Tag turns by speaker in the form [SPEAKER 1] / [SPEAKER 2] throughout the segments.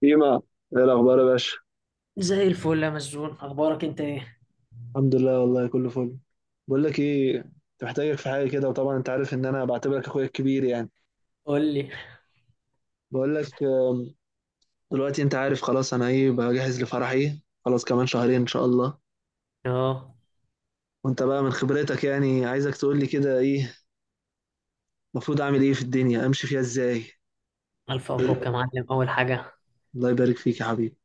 [SPEAKER 1] فيما ايه الاخبار يا باشا.
[SPEAKER 2] زي الفل يا مسجون، اخبارك انت ايه؟
[SPEAKER 1] الحمد لله، والله كله فل. بقول لك ايه، كنت محتاجك في حاجه كده، وطبعا انت عارف ان انا بعتبرك اخويا الكبير يعني.
[SPEAKER 2] قول لي.
[SPEAKER 1] بقول لك دلوقتي انت عارف خلاص انا ايه، بجهز لفرحي خلاص، كمان شهرين ان شاء الله.
[SPEAKER 2] اه،
[SPEAKER 1] وانت بقى من خبرتك يعني عايزك تقول لي كده، ايه المفروض اعمل؟ ايه في الدنيا؟ امشي فيها ازاي؟
[SPEAKER 2] الف مبروك يا معلم. اول حاجه،
[SPEAKER 1] الله يبارك فيك يا حبيبي.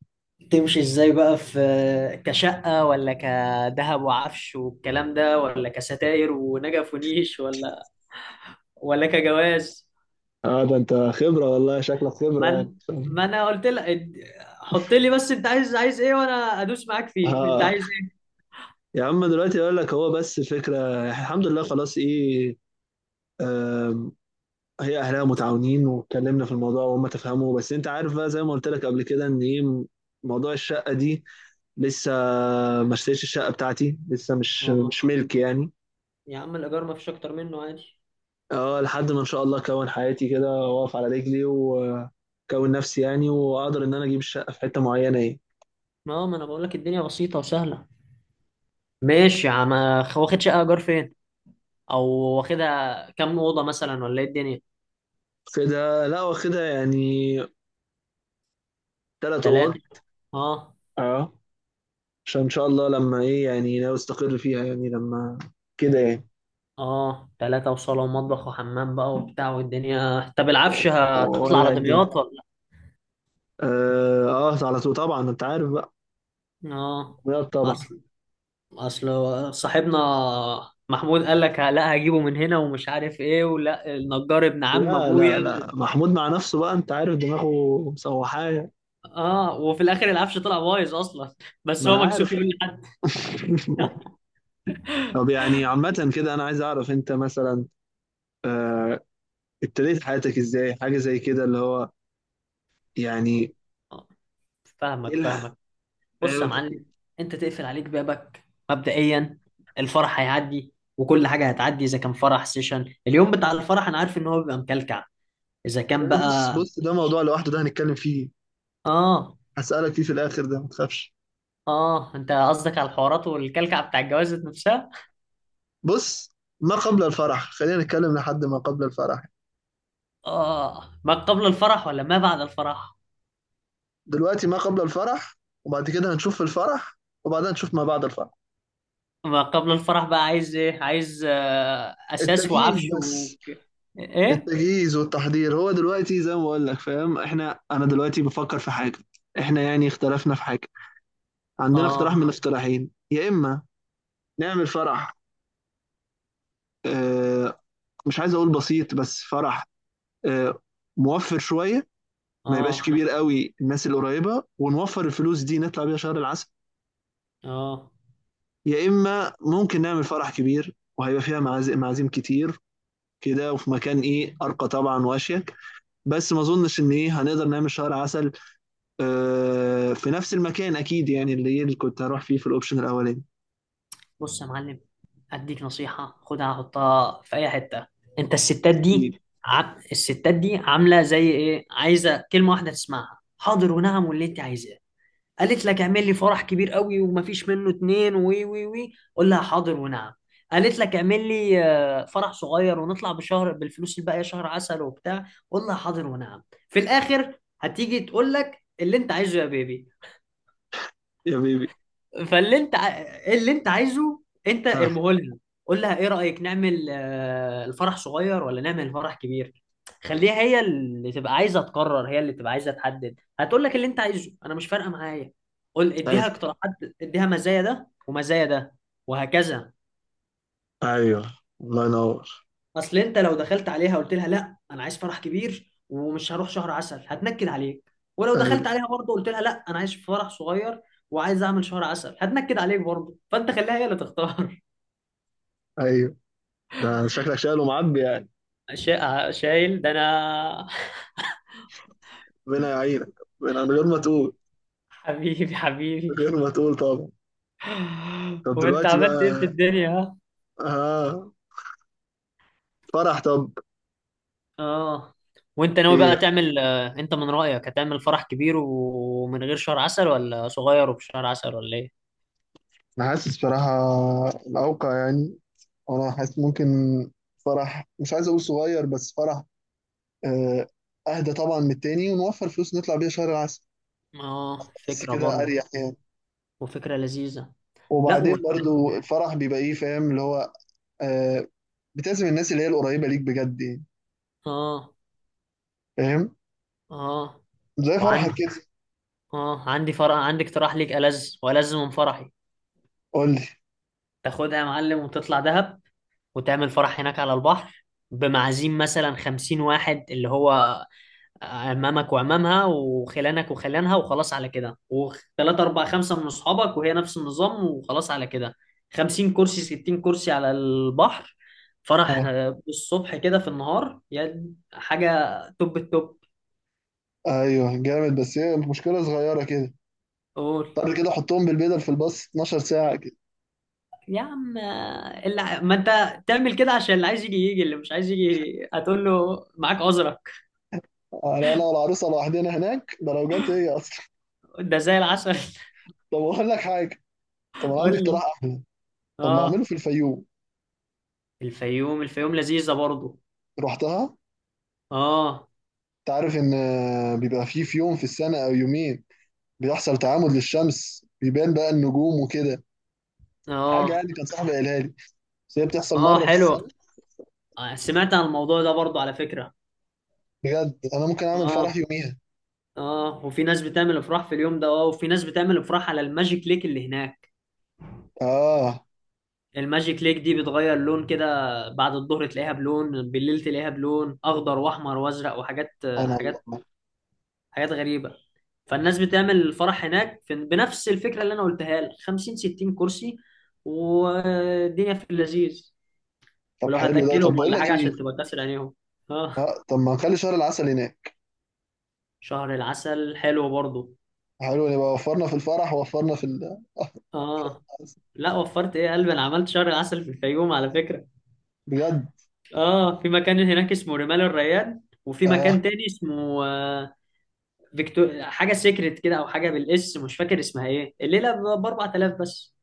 [SPEAKER 2] تمشي ازاي بقى؟ في كشقه، ولا كذهب وعفش والكلام ده، ولا كستاير ونجف ونيش، ولا كجواز؟
[SPEAKER 1] اه ده انت خبرة والله، شكلك خبرة يعني.
[SPEAKER 2] من، ما انا قلت لك حط لي بس انت عايز، عايز ايه، وانا ادوس معاك فيه. انت
[SPEAKER 1] اه
[SPEAKER 2] عايز ايه؟
[SPEAKER 1] يا عم، دلوقتي اقول لك، هو بس فكره، الحمد لله خلاص. ايه آه، هي اهلها متعاونين، واتكلمنا في الموضوع وهم تفهموا، بس انت عارف بقى زي ما قلت لك قبل كده ان ايه، موضوع الشقه دي لسه، ما اشتريتش الشقه بتاعتي لسه، مش
[SPEAKER 2] اه،
[SPEAKER 1] مش ملك يعني.
[SPEAKER 2] يا عم الايجار ما فيش اكتر منه، عادي.
[SPEAKER 1] اه، لحد ما ان شاء الله اكون حياتي كده واقف على رجلي، واكون نفسي يعني، واقدر ان انا اجيب الشقه في حته معينه، ايه
[SPEAKER 2] ما هو ما انا بقول لك الدنيا بسيطه وسهله. ماشي يا عم، واخد شقه ايجار فين؟ او واخدها كام اوضه مثلا، ولا ايه الدنيا؟
[SPEAKER 1] كده. لا واخدها يعني ثلاث اوض.
[SPEAKER 2] ثلاثه، اه.
[SPEAKER 1] اه عشان ان شاء الله لما ايه يعني، ناوي استقر فيها يعني، لما كده يعني.
[SPEAKER 2] اه، ثلاثه وصاله ومطبخ وحمام بقى وبتاع والدنيا، طب العفش هتطلع
[SPEAKER 1] ولا
[SPEAKER 2] على
[SPEAKER 1] الدنيا.
[SPEAKER 2] دمياط ولا؟
[SPEAKER 1] اه على طول طبعا انت عارف.
[SPEAKER 2] اه.
[SPEAKER 1] لا طبعا.
[SPEAKER 2] اصل اصل صاحبنا محمود قال لك لا هجيبه من هنا ومش عارف ايه، ولا النجار ابن عم
[SPEAKER 1] لا
[SPEAKER 2] ابويا.
[SPEAKER 1] لا لا محمود مع نفسه بقى، انت عارف دماغه مسوحاه.
[SPEAKER 2] اه، وفي الاخر العفش طلع بايظ اصلا بس
[SPEAKER 1] ما انا
[SPEAKER 2] هو مكسوف
[SPEAKER 1] عارف.
[SPEAKER 2] يقول لحد.
[SPEAKER 1] طب يعني عامة كده، انا عايز اعرف انت مثلا آه، ابتديت حياتك ازاي؟ حاجة زي كده اللي هو يعني. ايه
[SPEAKER 2] فاهمك
[SPEAKER 1] لا.
[SPEAKER 2] فاهمك بص يا
[SPEAKER 1] لا،
[SPEAKER 2] معلم، انت تقفل عليك بابك مبدئيا. الفرح هيعدي وكل حاجه هتعدي. اذا كان فرح سيشن، اليوم بتاع الفرح انا عارف ان هو بيبقى مكلكع. اذا كان
[SPEAKER 1] بص
[SPEAKER 2] بقى،
[SPEAKER 1] ده موضوع لوحده، ده هنتكلم فيه.
[SPEAKER 2] اه.
[SPEAKER 1] هسألك فيه في الاخر، ده ما تخافش.
[SPEAKER 2] اه، انت قصدك على الحوارات والكلكع بتاع الجواز نفسها.
[SPEAKER 1] بص، ما قبل الفرح خلينا نتكلم، لحد ما قبل الفرح.
[SPEAKER 2] اه، ما قبل الفرح ولا ما بعد الفرح؟
[SPEAKER 1] دلوقتي ما قبل الفرح، وبعد كده هنشوف الفرح، وبعدين نشوف ما بعد الفرح.
[SPEAKER 2] ما قبل الفرح بقى، عايز ايه؟ عايز اساس
[SPEAKER 1] التجهيز
[SPEAKER 2] وعفش
[SPEAKER 1] بس.
[SPEAKER 2] ايه؟
[SPEAKER 1] التجهيز والتحضير، هو دلوقتي زي ما بقول لك، فاهم احنا، انا دلوقتي بفكر في حاجه، احنا يعني اختلفنا في حاجه. عندنا اقتراح
[SPEAKER 2] اه،
[SPEAKER 1] من الاقتراحين: يا اما نعمل فرح، اه، مش عايز اقول بسيط، بس فرح، اه، موفر شويه، ما يبقاش
[SPEAKER 2] اه،
[SPEAKER 1] كبير قوي، الناس القريبه، ونوفر الفلوس دي نطلع بيها شهر العسل.
[SPEAKER 2] اه.
[SPEAKER 1] يا اما ممكن نعمل فرح كبير، وهيبقى فيها معازم معازيم كتير كده، وفي مكان ايه، ارقى طبعا واشيك، بس ما اظنش ان ايه هنقدر نعمل شهر عسل في نفس المكان اكيد يعني، اللي كنت هروح فيه في الاوبشن الاولاني.
[SPEAKER 2] بص يا معلم، اديك نصيحه خدها حطها في اي حته. انت الستات
[SPEAKER 1] اكيد.
[SPEAKER 2] دي الستات دي عامله زي ايه؟ عايزه كلمه واحده تسمعها: حاضر ونعم واللي انت عايزاه. قالت لك اعمل لي فرح كبير قوي ومفيش منه اتنين، وي وي وي، قول لها حاضر ونعم. قالت لك اعمل لي، فرح صغير ونطلع بشهر بالفلوس الباقيه شهر عسل وبتاع، قول لها حاضر ونعم. في الاخر هتيجي تقول لك اللي انت عايزه يا بيبي.
[SPEAKER 1] يا بيبي.
[SPEAKER 2] فاللي انت ع- اللي انت عايزه انت
[SPEAKER 1] اه
[SPEAKER 2] ارميه لها. قول لها ايه رأيك، نعمل الفرح صغير ولا نعمل الفرح كبير؟ خليها هي اللي تبقى عايزة تقرر، هي اللي تبقى عايزة تحدد. هتقول لك اللي انت عايزه، انا مش فارقة معايا. قول، اديها
[SPEAKER 1] ساعتها.
[SPEAKER 2] اقتراحات، اديها مزايا ده ومزايا ده، وهكذا.
[SPEAKER 1] ايوه. الله ينور.
[SPEAKER 2] اصل انت لو دخلت عليها قلت لها لا انا عايز فرح كبير ومش هروح شهر عسل، هتنكد عليك. ولو
[SPEAKER 1] ايوه.
[SPEAKER 2] دخلت عليها برضه قلت لها لا انا عايز فرح صغير وعايز اعمل شهر عسل، هتنكد عليك برضه. فانت خليها هي اللي تختار.
[SPEAKER 1] ايوه ده شكلك شايل ومعبي يعني.
[SPEAKER 2] شايل ده انا.
[SPEAKER 1] ربنا يعينك. من غير ما تقول.
[SPEAKER 2] حبيبي
[SPEAKER 1] من
[SPEAKER 2] حبيبي
[SPEAKER 1] غير ما تقول طبعا. طب
[SPEAKER 2] وانت
[SPEAKER 1] دلوقتي
[SPEAKER 2] عملت ايه في
[SPEAKER 1] بقى.
[SPEAKER 2] الدنيا، ها؟
[SPEAKER 1] اه. فرح. طب.
[SPEAKER 2] اه. وانت ناوي
[SPEAKER 1] ايه
[SPEAKER 2] بقى
[SPEAKER 1] ده؟
[SPEAKER 2] تعمل، انت من رأيك هتعمل فرح كبير ومن غير شهر عسل، ولا صغير وبشهر عسل، ولا ايه؟
[SPEAKER 1] انا حاسس صراحة الاوقع يعني، انا حاسس ممكن فرح، مش عايز اقول صغير، بس فرح آه، اهدى طبعا من التاني، ونوفر فلوس نطلع بيها شهر العسل.
[SPEAKER 2] اه،
[SPEAKER 1] بس
[SPEAKER 2] فكرة
[SPEAKER 1] كده
[SPEAKER 2] برضه.
[SPEAKER 1] اريح يعني.
[SPEAKER 2] وفكرة لذيذة. لا
[SPEAKER 1] وبعدين برضو الفرح بيبقى ايه، فاهم اللي هو، آه، بتعزم الناس اللي هي القريبة ليك بجد يعني،
[SPEAKER 2] اه،
[SPEAKER 1] فاهم؟
[SPEAKER 2] اه.
[SPEAKER 1] زي فرحك
[SPEAKER 2] وعندي،
[SPEAKER 1] كده.
[SPEAKER 2] اه، عندي فرح، عندي اقتراح ليك ألذ وألذ من فرحي.
[SPEAKER 1] قول لي.
[SPEAKER 2] تاخدها يا معلم وتطلع دهب، وتعمل فرح هناك على البحر، بمعازيم مثلا خمسين واحد، اللي هو عمامك وعمامها وخلانك وخلانها وخلاص على كده، وثلاثة أربعة خمسة من أصحابك، وهي نفس النظام وخلاص على كده. خمسين كرسي ستين كرسي على البحر. فرح،
[SPEAKER 1] اه.
[SPEAKER 2] الصبح كده في النهار، يعني حاجة توب التوب.
[SPEAKER 1] ايوه جامد، بس هي المشكلة صغيرة كده.
[SPEAKER 2] قول
[SPEAKER 1] طب كده حطهم بالبدل في الباص 12 ساعة كده،
[SPEAKER 2] يا عم، ما انت تعمل كده عشان اللي عايز يجي يجي، اللي مش عايز يجي هتقول له معاك عذرك.
[SPEAKER 1] على انا والعروسة لوحدنا هناك، ده لو جت هي اصلا.
[SPEAKER 2] ده زي العسل.
[SPEAKER 1] طب اقول لك حاجة، طب انا
[SPEAKER 2] قول
[SPEAKER 1] عندي
[SPEAKER 2] لي.
[SPEAKER 1] اقتراح احلى. طب ما اعمله
[SPEAKER 2] اه،
[SPEAKER 1] في الفيوم.
[SPEAKER 2] الفيوم، الفيوم لذيذة برضو.
[SPEAKER 1] رحتها؟
[SPEAKER 2] اه،
[SPEAKER 1] انت عارف ان بيبقى فيه في يوم في السنة او يومين بيحصل تعامد للشمس، بيبان بقى النجوم وكده، حاجة
[SPEAKER 2] اه،
[SPEAKER 1] يعني كان صاحبي قالها لي، بس هي بتحصل
[SPEAKER 2] اه،
[SPEAKER 1] مرة في
[SPEAKER 2] حلو.
[SPEAKER 1] السنة.
[SPEAKER 2] سمعت عن الموضوع ده برضو على فكرة.
[SPEAKER 1] بجد أنا ممكن أعمل فرح
[SPEAKER 2] اه،
[SPEAKER 1] يوميها.
[SPEAKER 2] اه، وفي ناس بتعمل افراح في اليوم ده. اه، وفي ناس بتعمل افراح على الماجيك ليك اللي هناك.
[SPEAKER 1] آه.
[SPEAKER 2] الماجيك ليك دي بتغير لون كده. بعد الظهر تلاقيها بلون، بالليل تلاقيها بلون اخضر واحمر وازرق وحاجات،
[SPEAKER 1] سبحان الله.
[SPEAKER 2] حاجات، حاجات غريبة. فالناس بتعمل الفرح هناك في بنفس الفكرة اللي انا قلتها لك، 50 60 كرسي، والدنيا في اللذيذ.
[SPEAKER 1] طب
[SPEAKER 2] ولو
[SPEAKER 1] حلو ده،
[SPEAKER 2] هتاكلهم
[SPEAKER 1] طب بقول
[SPEAKER 2] ولا
[SPEAKER 1] لك
[SPEAKER 2] حاجة
[SPEAKER 1] إيه،
[SPEAKER 2] عشان تبقى كاسر عينيهم. اه،
[SPEAKER 1] آه، طب ما نخلي شهر العسل هناك.
[SPEAKER 2] شهر العسل حلو برضو.
[SPEAKER 1] حلو، نبقى وفرنا في الفرح، ووفرنا في ال شهر
[SPEAKER 2] اه،
[SPEAKER 1] العسل.
[SPEAKER 2] لا وفرت ايه يا قلبي، انا عملت شهر عسل في الفيوم على فكره.
[SPEAKER 1] بجد.
[SPEAKER 2] اه، في مكان هناك اسمه رمال الريان، وفي
[SPEAKER 1] آه.
[SPEAKER 2] مكان تاني اسمه، فيكتور حاجه سيكريت كده، او حاجه بالاس مش فاكر اسمها ايه، الليله ب 4000 بس.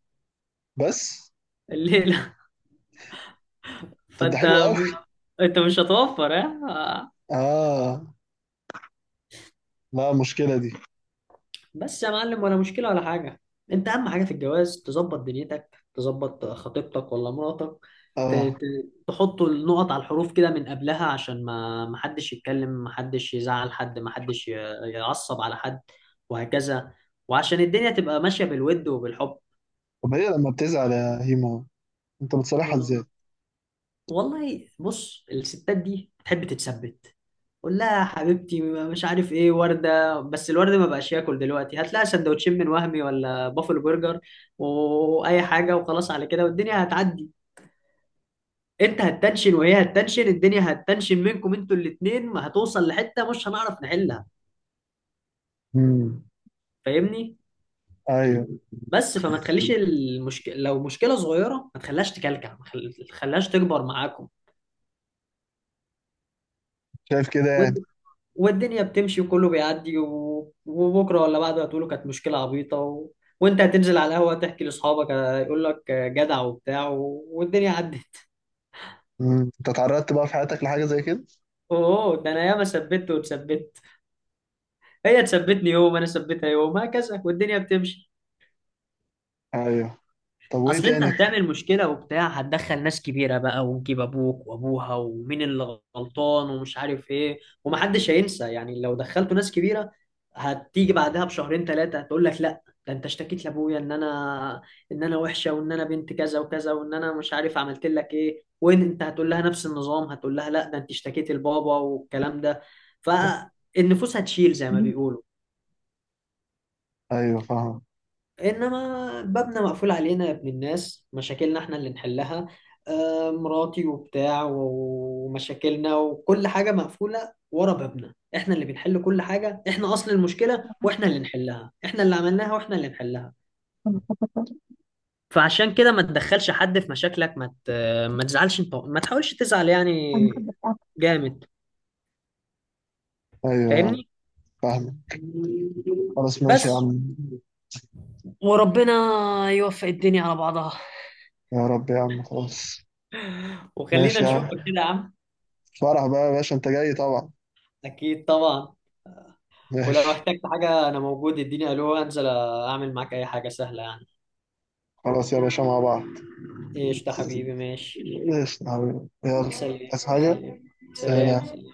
[SPEAKER 1] بس.
[SPEAKER 2] الليله.
[SPEAKER 1] طب ده
[SPEAKER 2] فانت،
[SPEAKER 1] حلو أوي.
[SPEAKER 2] انت مش هتوفر. اه.
[SPEAKER 1] آه. لا المشكلة دي.
[SPEAKER 2] بس يا معلم، ولا مشكلة ولا حاجة. انت اهم حاجة في الجواز تظبط دنيتك، تظبط خطيبتك ولا مراتك.
[SPEAKER 1] آه.
[SPEAKER 2] تحط النقط على الحروف كده من قبلها، عشان ما محدش يتكلم، محدش يزعل حد، محدش يعصب على حد، وهكذا. وعشان الدنيا تبقى ماشية بالود وبالحب.
[SPEAKER 1] طب هي لما بتزعل يا هيما، أنت بتصالحها
[SPEAKER 2] اه.
[SPEAKER 1] إزاي؟
[SPEAKER 2] والله بص، الستات دي بتحب تتثبت. قول لها يا حبيبتي، مش عارف ايه ورده، بس الورده ما بقاش ياكل دلوقتي، هات لها سندوتشين من وهمي ولا بافل برجر واي حاجه، وخلاص على كده والدنيا هتعدي. انت هتتنشن وهي هتتنشن، الدنيا هتتنشن منكم انتوا الاتنين، هتوصل لحته مش هنعرف نحلها.
[SPEAKER 1] امم.
[SPEAKER 2] فاهمني؟
[SPEAKER 1] أيوه.
[SPEAKER 2] بس فما تخليش المشكله، لو مشكله صغيره ما تخليهاش تكلكع، ما تخليهاش تكبر معاكم.
[SPEAKER 1] شايف كده يعني.
[SPEAKER 2] والدنيا بتمشي وكله بيعدي، وبكره ولا بعده هتقولوا كانت مشكله عبيطه وانت هتنزل على القهوه تحكي لاصحابك، يقول لك، جدع وبتاع والدنيا عدت.
[SPEAKER 1] امم. أنت اتعرضت بقى في حياتك لحاجة زي كده؟
[SPEAKER 2] اوه، ده انا ياما ثبت واتثبت. هي تثبتني يوم، انا ثبتها يوم، هكذا والدنيا بتمشي.
[SPEAKER 1] أيوه. طب وإيه
[SPEAKER 2] اصل انت
[SPEAKER 1] تاني؟
[SPEAKER 2] هتعمل مشكله وبتاع، هتدخل ناس كبيره بقى، ونجيب ابوك وابوها، ومين اللي غلطان ومش عارف ايه، ومحدش هينسى. يعني لو دخلتوا ناس كبيره، هتيجي بعدها بشهرين ثلاثه هتقول لك لا، ده انت اشتكيت لابويا ان انا وحشه، وان انا بنت كذا وكذا، وان انا مش عارف عملت لك ايه. وان انت هتقول لها نفس النظام، هتقول لها لا ده انت اشتكيت لبابا والكلام ده. فالنفوس هتشيل زي ما بيقولوا.
[SPEAKER 1] أيوه فاهم.
[SPEAKER 2] انما بابنا مقفول علينا يا ابن الناس، مشاكلنا احنا اللي نحلها. مراتي وبتاع ومشاكلنا وكل حاجة مقفولة ورا بابنا، احنا اللي بنحل كل حاجة. احنا اصل المشكلة واحنا اللي نحلها، احنا اللي عملناها واحنا اللي نحلها. فعشان كده ما تدخلش حد في مشاكلك. ما تزعلش انت، ما تحاولش تزعل يعني. جامد.
[SPEAKER 1] أيوه
[SPEAKER 2] فاهمني؟
[SPEAKER 1] فاهمك. خلاص ماشي يا
[SPEAKER 2] بس،
[SPEAKER 1] عم.
[SPEAKER 2] وربنا يوفق الدنيا على بعضها.
[SPEAKER 1] يا رب يا عم، خلاص.
[SPEAKER 2] وخلينا
[SPEAKER 1] ماشي يا
[SPEAKER 2] نشوفك
[SPEAKER 1] عم.
[SPEAKER 2] كده يا عم.
[SPEAKER 1] فرح بقى يا باشا، انت جاي طبعا.
[SPEAKER 2] اكيد طبعا. ولو
[SPEAKER 1] ماشي.
[SPEAKER 2] احتجت حاجة أنا موجود، اديني ألو أنزل أعمل معاك أي حاجة سهلة يعني.
[SPEAKER 1] خلاص يا باشا، مع بعض.
[SPEAKER 2] قشطة حبيبي، ماشي.
[SPEAKER 1] ماشي يا حبيبي،
[SPEAKER 2] سلام.
[SPEAKER 1] يلا. عايز حاجة؟
[SPEAKER 2] سلام. سلام،
[SPEAKER 1] سلام.
[SPEAKER 2] سلام.